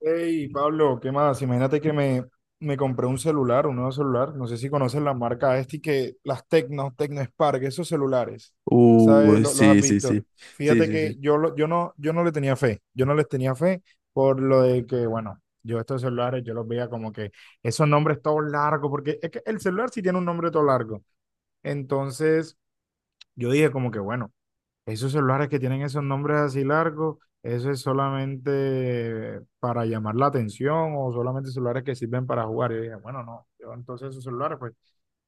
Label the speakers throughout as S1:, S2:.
S1: Hey, Pablo, ¿qué más? Imagínate que me compré un celular, un nuevo celular. No sé si conoces la marca este que las Tecno Spark, esos celulares, ¿sabes? Lo- los has
S2: Sí, sí,
S1: visto.
S2: sí. Sí,
S1: Fíjate
S2: sí,
S1: que
S2: sí.
S1: yo no le tenía fe. Yo no les tenía fe por lo de que, bueno, yo estos celulares, yo los veía como que esos nombres todos largos, porque es que el celular sí tiene un nombre todo largo. Entonces, yo dije como que, bueno. Esos celulares que tienen esos nombres así largos, eso es solamente para llamar la atención o solamente celulares que sirven para jugar. Y yo dije, bueno, no, yo entonces esos celulares pues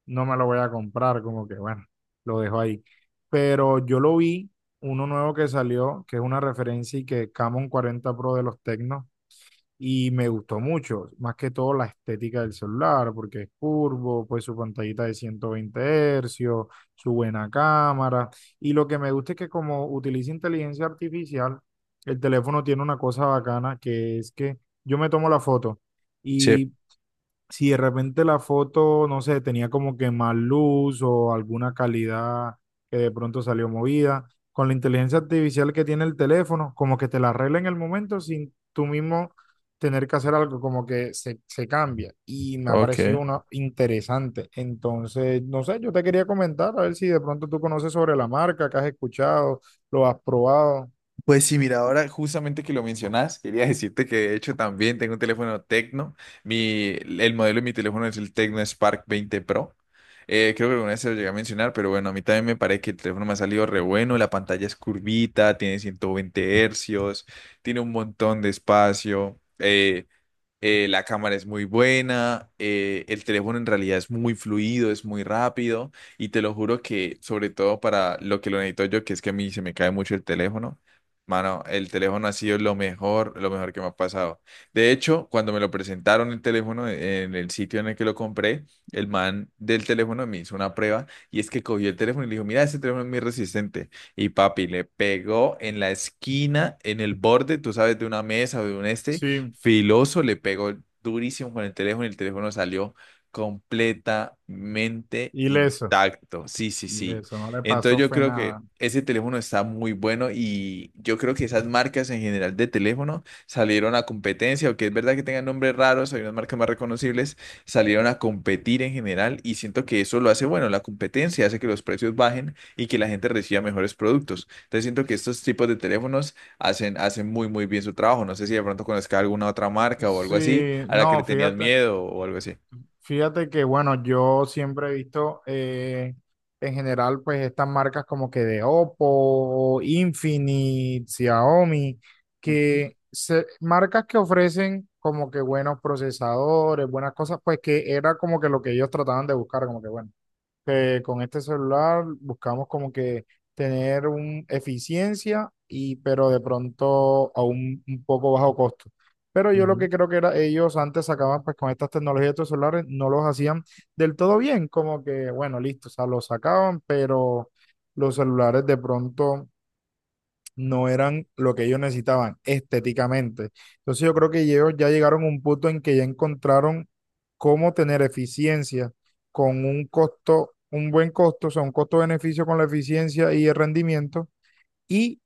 S1: no me los voy a comprar, como que bueno, lo dejo ahí. Pero yo lo vi, uno nuevo que salió, que es una referencia y que Camon 40 Pro de los Tecnos, y me gustó mucho, más que todo la estética del celular, porque es curvo, pues su pantallita de 120 hercios, su buena cámara. Y lo que me gusta es que como utiliza inteligencia artificial, el teléfono tiene una cosa bacana, que es que yo me tomo la foto
S2: Sí,
S1: y si de repente la foto, no sé, tenía como que más luz o alguna calidad que de pronto salió movida, con la inteligencia artificial que tiene el teléfono, como que te la arregla en el momento sin tú mismo tener que hacer algo, como que se cambia. Y me ha parecido
S2: ok.
S1: una interesante. Entonces, no sé, yo te quería comentar, a ver si de pronto tú conoces sobre la marca, que has escuchado, lo has probado.
S2: Pues sí, mira, ahora justamente que lo mencionas, quería decirte que de hecho también tengo un teléfono Tecno. El modelo de mi teléfono es el Tecno Spark 20 Pro. Creo que alguna vez se lo llegué a mencionar, pero bueno, a mí también me parece que el teléfono me ha salido re bueno. La pantalla es curvita, tiene 120 hercios, tiene un montón de espacio. La cámara es muy buena, el teléfono en realidad es muy fluido, es muy rápido y te lo juro que sobre todo para lo que lo necesito yo, que es que a mí se me cae mucho el teléfono, mano, el teléfono ha sido lo mejor que me ha pasado. De hecho, cuando me lo presentaron el teléfono en el sitio en el que lo compré, el man del teléfono me hizo una prueba y es que cogió el teléfono y le dijo, mira, este teléfono es muy resistente. Y papi, le pegó en la esquina, en el borde, tú sabes, de una mesa o de un este
S1: Sí,
S2: filoso, le pegó durísimo con el teléfono y el teléfono salió completamente
S1: ileso,
S2: intacto. Sí, sí, sí.
S1: ileso, no le
S2: Entonces
S1: pasó,
S2: yo
S1: fue
S2: creo que
S1: nada.
S2: ese teléfono está muy bueno y yo creo que esas marcas en general de teléfono salieron a competencia, aunque es verdad que tengan nombres raros, hay unas marcas más reconocibles, salieron a competir en general y siento que eso lo hace bueno, la competencia hace que los precios bajen y que la gente reciba mejores productos. Entonces siento que estos tipos de teléfonos hacen muy, muy bien su trabajo. No sé si de pronto conozca alguna otra marca o algo
S1: Sí,
S2: así, a la que le
S1: no,
S2: tenías
S1: fíjate.
S2: miedo o algo así.
S1: Fíjate que, bueno, yo siempre he visto en general, pues estas marcas como que de Oppo, Infinite, Xiaomi, marcas que ofrecen como que buenos procesadores, buenas cosas, pues que era como que lo que ellos trataban de buscar, como que bueno que con este celular buscamos como que tener un eficiencia y pero de pronto a un poco bajo costo. Pero yo lo
S2: Ujú.
S1: que creo que era ellos antes sacaban pues con estas tecnologías de estos celulares no los hacían del todo bien, como que bueno, listo, o sea, los sacaban, pero los celulares de pronto no eran lo que ellos necesitaban estéticamente. Entonces yo creo que ellos ya llegaron a un punto en que ya encontraron cómo tener eficiencia con un costo, un buen costo, o sea, un costo-beneficio con la eficiencia y el rendimiento y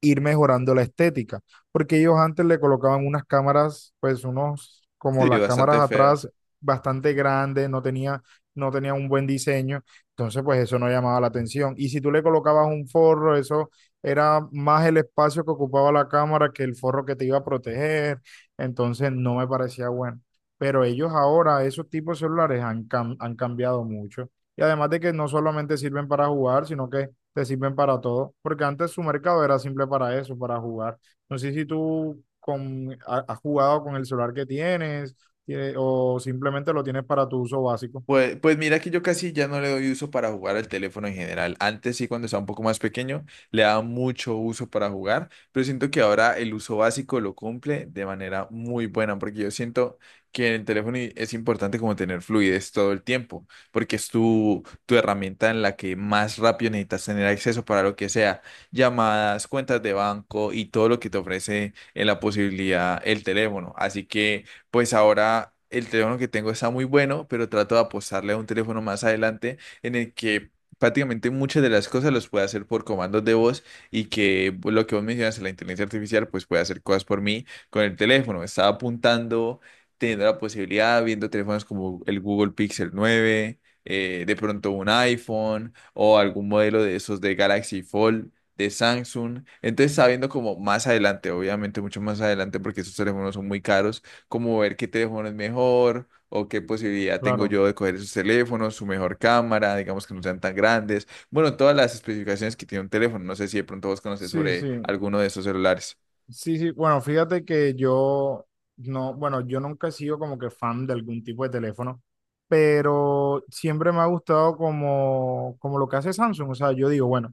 S1: ir mejorando la estética, porque ellos antes le colocaban unas cámaras, pues unos, como
S2: Sí,
S1: las cámaras
S2: bastante
S1: atrás,
S2: feas.
S1: bastante grandes, no tenía un buen diseño, entonces pues eso no llamaba la atención. Y si tú le colocabas un forro, eso era más el espacio que ocupaba la cámara que el forro que te iba a proteger, entonces no me parecía bueno. Pero ellos ahora, esos tipos de celulares han cambiado mucho. Y además de que no solamente sirven para jugar, sino que te sirven para todo, porque antes su mercado era simple para eso, para jugar. No sé si tú has jugado con el celular que tienes, o simplemente lo tienes para tu uso básico.
S2: Pues mira que yo casi ya no le doy uso para jugar al teléfono en general. Antes sí, cuando estaba un poco más pequeño, le daba mucho uso para jugar, pero siento que ahora el uso básico lo cumple de manera muy buena, porque yo siento que en el teléfono es importante como tener fluidez todo el tiempo, porque es tu herramienta en la que más rápido necesitas tener acceso para lo que sea, llamadas, cuentas de banco y todo lo que te ofrece en la posibilidad el teléfono. Así que pues ahora el teléfono que tengo está muy bueno, pero trato de apostarle a un teléfono más adelante en el que prácticamente muchas de las cosas las pueda hacer por comandos de voz y que pues, lo que vos mencionas, la inteligencia artificial, pues puede hacer cosas por mí con el teléfono. Estaba apuntando, teniendo la posibilidad, viendo teléfonos como el Google Pixel 9, de pronto un iPhone o algún modelo de esos de Galaxy Fold de Samsung. Entonces está viendo como más adelante, obviamente mucho más adelante porque esos teléfonos son muy caros, como ver qué teléfono es mejor o qué posibilidad tengo
S1: Claro.
S2: yo de coger esos teléfonos, su mejor cámara, digamos que no sean tan grandes. Bueno, todas las especificaciones que tiene un teléfono. No sé si de pronto vos conoces
S1: Sí, sí.
S2: sobre alguno de esos celulares.
S1: Sí, sí, bueno, fíjate que yo no, bueno, yo nunca he sido como que fan de algún tipo de teléfono, pero siempre me ha gustado como lo que hace Samsung. O sea, yo digo, bueno,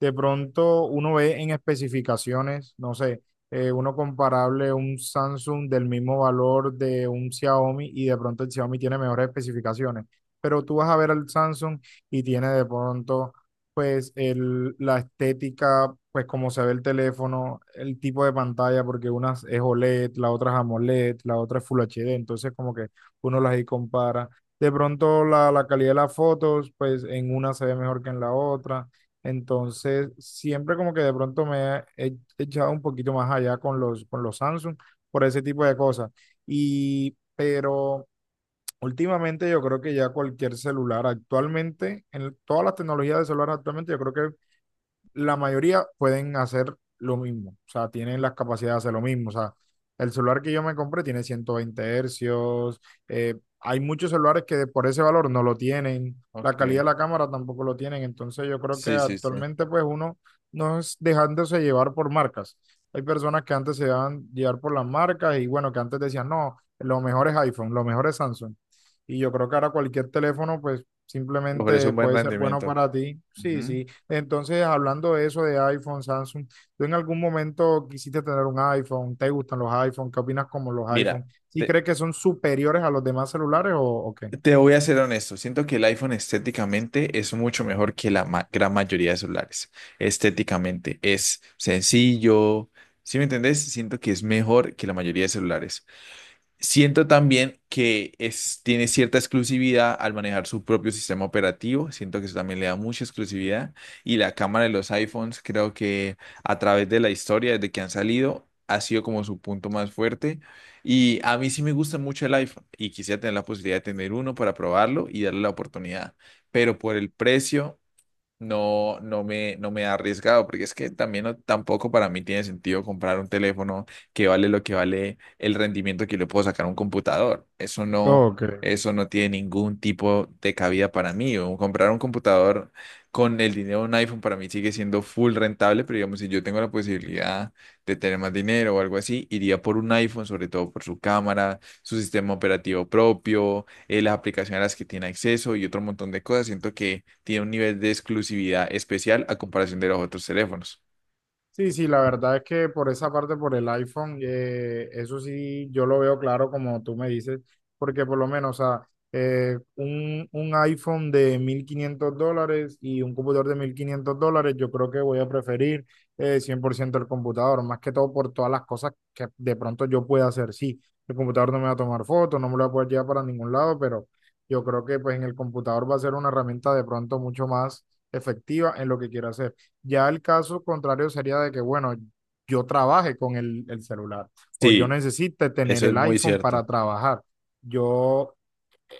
S1: de pronto uno ve en especificaciones, no sé, uno comparable un Samsung del mismo valor de un Xiaomi y de pronto el Xiaomi tiene mejores especificaciones, pero tú vas a ver al Samsung y tiene de pronto pues la estética, pues como se ve el teléfono, el tipo de pantalla, porque una es OLED, la otra es AMOLED, la otra es Full HD, entonces como que uno las ahí compara. De pronto la calidad de las fotos, pues en una se ve mejor que en la otra. Entonces, siempre como que de pronto me he echado un poquito más allá con con los Samsung por ese tipo de cosas. Y, pero últimamente yo creo que ya cualquier celular actualmente, en todas las tecnologías de celular actualmente, yo creo que la mayoría pueden hacer lo mismo, o sea, tienen las capacidades de hacer lo mismo, o sea, el celular que yo me compré tiene 120 hercios, hay muchos celulares que por ese valor no lo tienen, la calidad de
S2: Ok.
S1: la cámara tampoco lo tienen, entonces yo creo que
S2: Sí, sí, sí.
S1: actualmente pues uno no es dejándose llevar por marcas. Hay personas que antes se dejaban llevar por las marcas y bueno, que antes decían, no, lo mejor es iPhone, lo mejor es Samsung. Y yo creo que ahora cualquier teléfono pues
S2: Ofrece
S1: simplemente
S2: un buen
S1: puede ser bueno
S2: rendimiento.
S1: para ti. Sí,
S2: Ujú.
S1: sí. Entonces, hablando de eso de iPhone, Samsung, ¿tú en algún momento quisiste tener un iPhone? ¿Te gustan los iPhone? ¿Qué opinas como los
S2: Mira,
S1: iPhone? ¿Sí
S2: te,
S1: crees que son superiores a los demás celulares o qué?
S2: te voy a ser honesto. Siento que el iPhone estéticamente es mucho mejor que la gran mayoría de celulares. Estéticamente es sencillo. ¿Sí me entendés? Siento que es mejor que la mayoría de celulares. Siento también que tiene cierta exclusividad al manejar su propio sistema operativo. Siento que eso también le da mucha exclusividad. Y la cámara de los iPhones, creo que a través de la historia, desde que han salido, ha sido como su punto más fuerte. Y a mí sí me gusta mucho el iPhone y quisiera tener la posibilidad de tener uno para probarlo y darle la oportunidad. Pero por el precio no me he arriesgado, porque es que también tampoco para mí tiene sentido comprar un teléfono que vale lo que vale el rendimiento que le puedo sacar a un computador.
S1: Ok.
S2: Eso no tiene ningún tipo de cabida para mí. O comprar un computador con el dinero de un iPhone para mí sigue siendo full rentable, pero digamos, si yo tengo la posibilidad de tener más dinero o algo así, iría por un iPhone, sobre todo por su cámara, su sistema operativo propio, las aplicaciones a las que tiene acceso y otro montón de cosas. Siento que tiene un nivel de exclusividad especial a comparación de los otros teléfonos.
S1: Sí, sí, la verdad es que por esa parte, por el iPhone, eso sí, yo lo veo claro como tú me dices, porque por lo menos, o sea, un iPhone de 1,500 dólares y un computador de 1,500 dólares, yo creo que voy a preferir 100% el computador, más que todo por todas las cosas que de pronto yo pueda hacer. Sí, el computador no me va a tomar fotos, no me lo va a poder llevar para ningún lado, pero yo creo que pues en el computador va a ser una herramienta de pronto mucho más efectiva en lo que quiera hacer. Ya el caso contrario sería de que, bueno, yo trabaje con el celular o yo
S2: Sí,
S1: necesite tener
S2: eso es
S1: el
S2: muy
S1: iPhone
S2: cierto.
S1: para trabajar. Yo,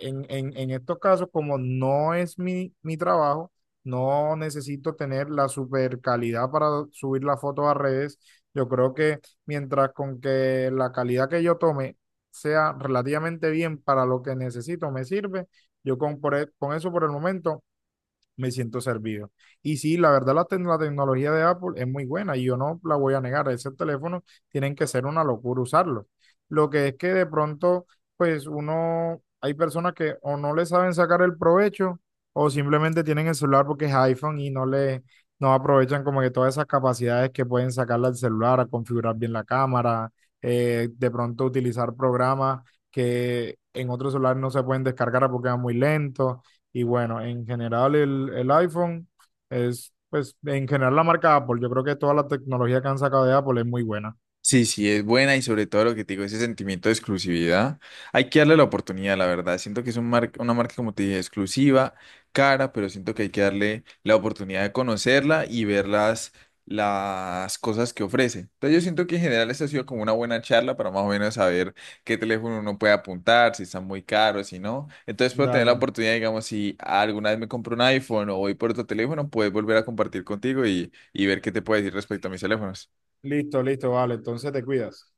S1: en estos casos, como no es mi trabajo, no necesito tener la super calidad para subir las fotos a redes. Yo creo que mientras con que la calidad que yo tome sea relativamente bien para lo que necesito, me sirve. Yo con eso por el momento me siento servido. Y sí, la verdad la tecnología de Apple es muy buena y yo no la voy a negar. Ese teléfono tienen que ser una locura usarlo. Lo que es que de pronto, pues uno, hay personas que o no le saben sacar el provecho o simplemente tienen el celular porque es iPhone y no aprovechan como que todas esas capacidades que pueden sacarle al celular, a configurar bien la cámara, de pronto utilizar programas que en otros celulares no se pueden descargar porque van muy lentos y bueno, en general el iPhone es, pues, en general la marca Apple. Yo creo que toda la tecnología que han sacado de Apple es muy buena.
S2: Sí, sí, es buena y sobre todo lo que te digo, ese sentimiento de exclusividad, hay que darle la oportunidad, la verdad. Siento que es un una marca, como te dije, exclusiva, cara, pero siento que hay que darle la oportunidad de conocerla y ver las cosas que ofrece. Entonces yo siento que en general esta ha sido como una buena charla para más o menos saber qué teléfono uno puede apuntar, si están muy caros, si no. Entonces puedo tener la
S1: Dale.
S2: oportunidad, digamos, si alguna vez me compro un iPhone o voy por otro teléfono, puedes volver a compartir contigo y ver qué te puedo decir respecto a mis teléfonos.
S1: Listo, listo, vale. Entonces te cuidas.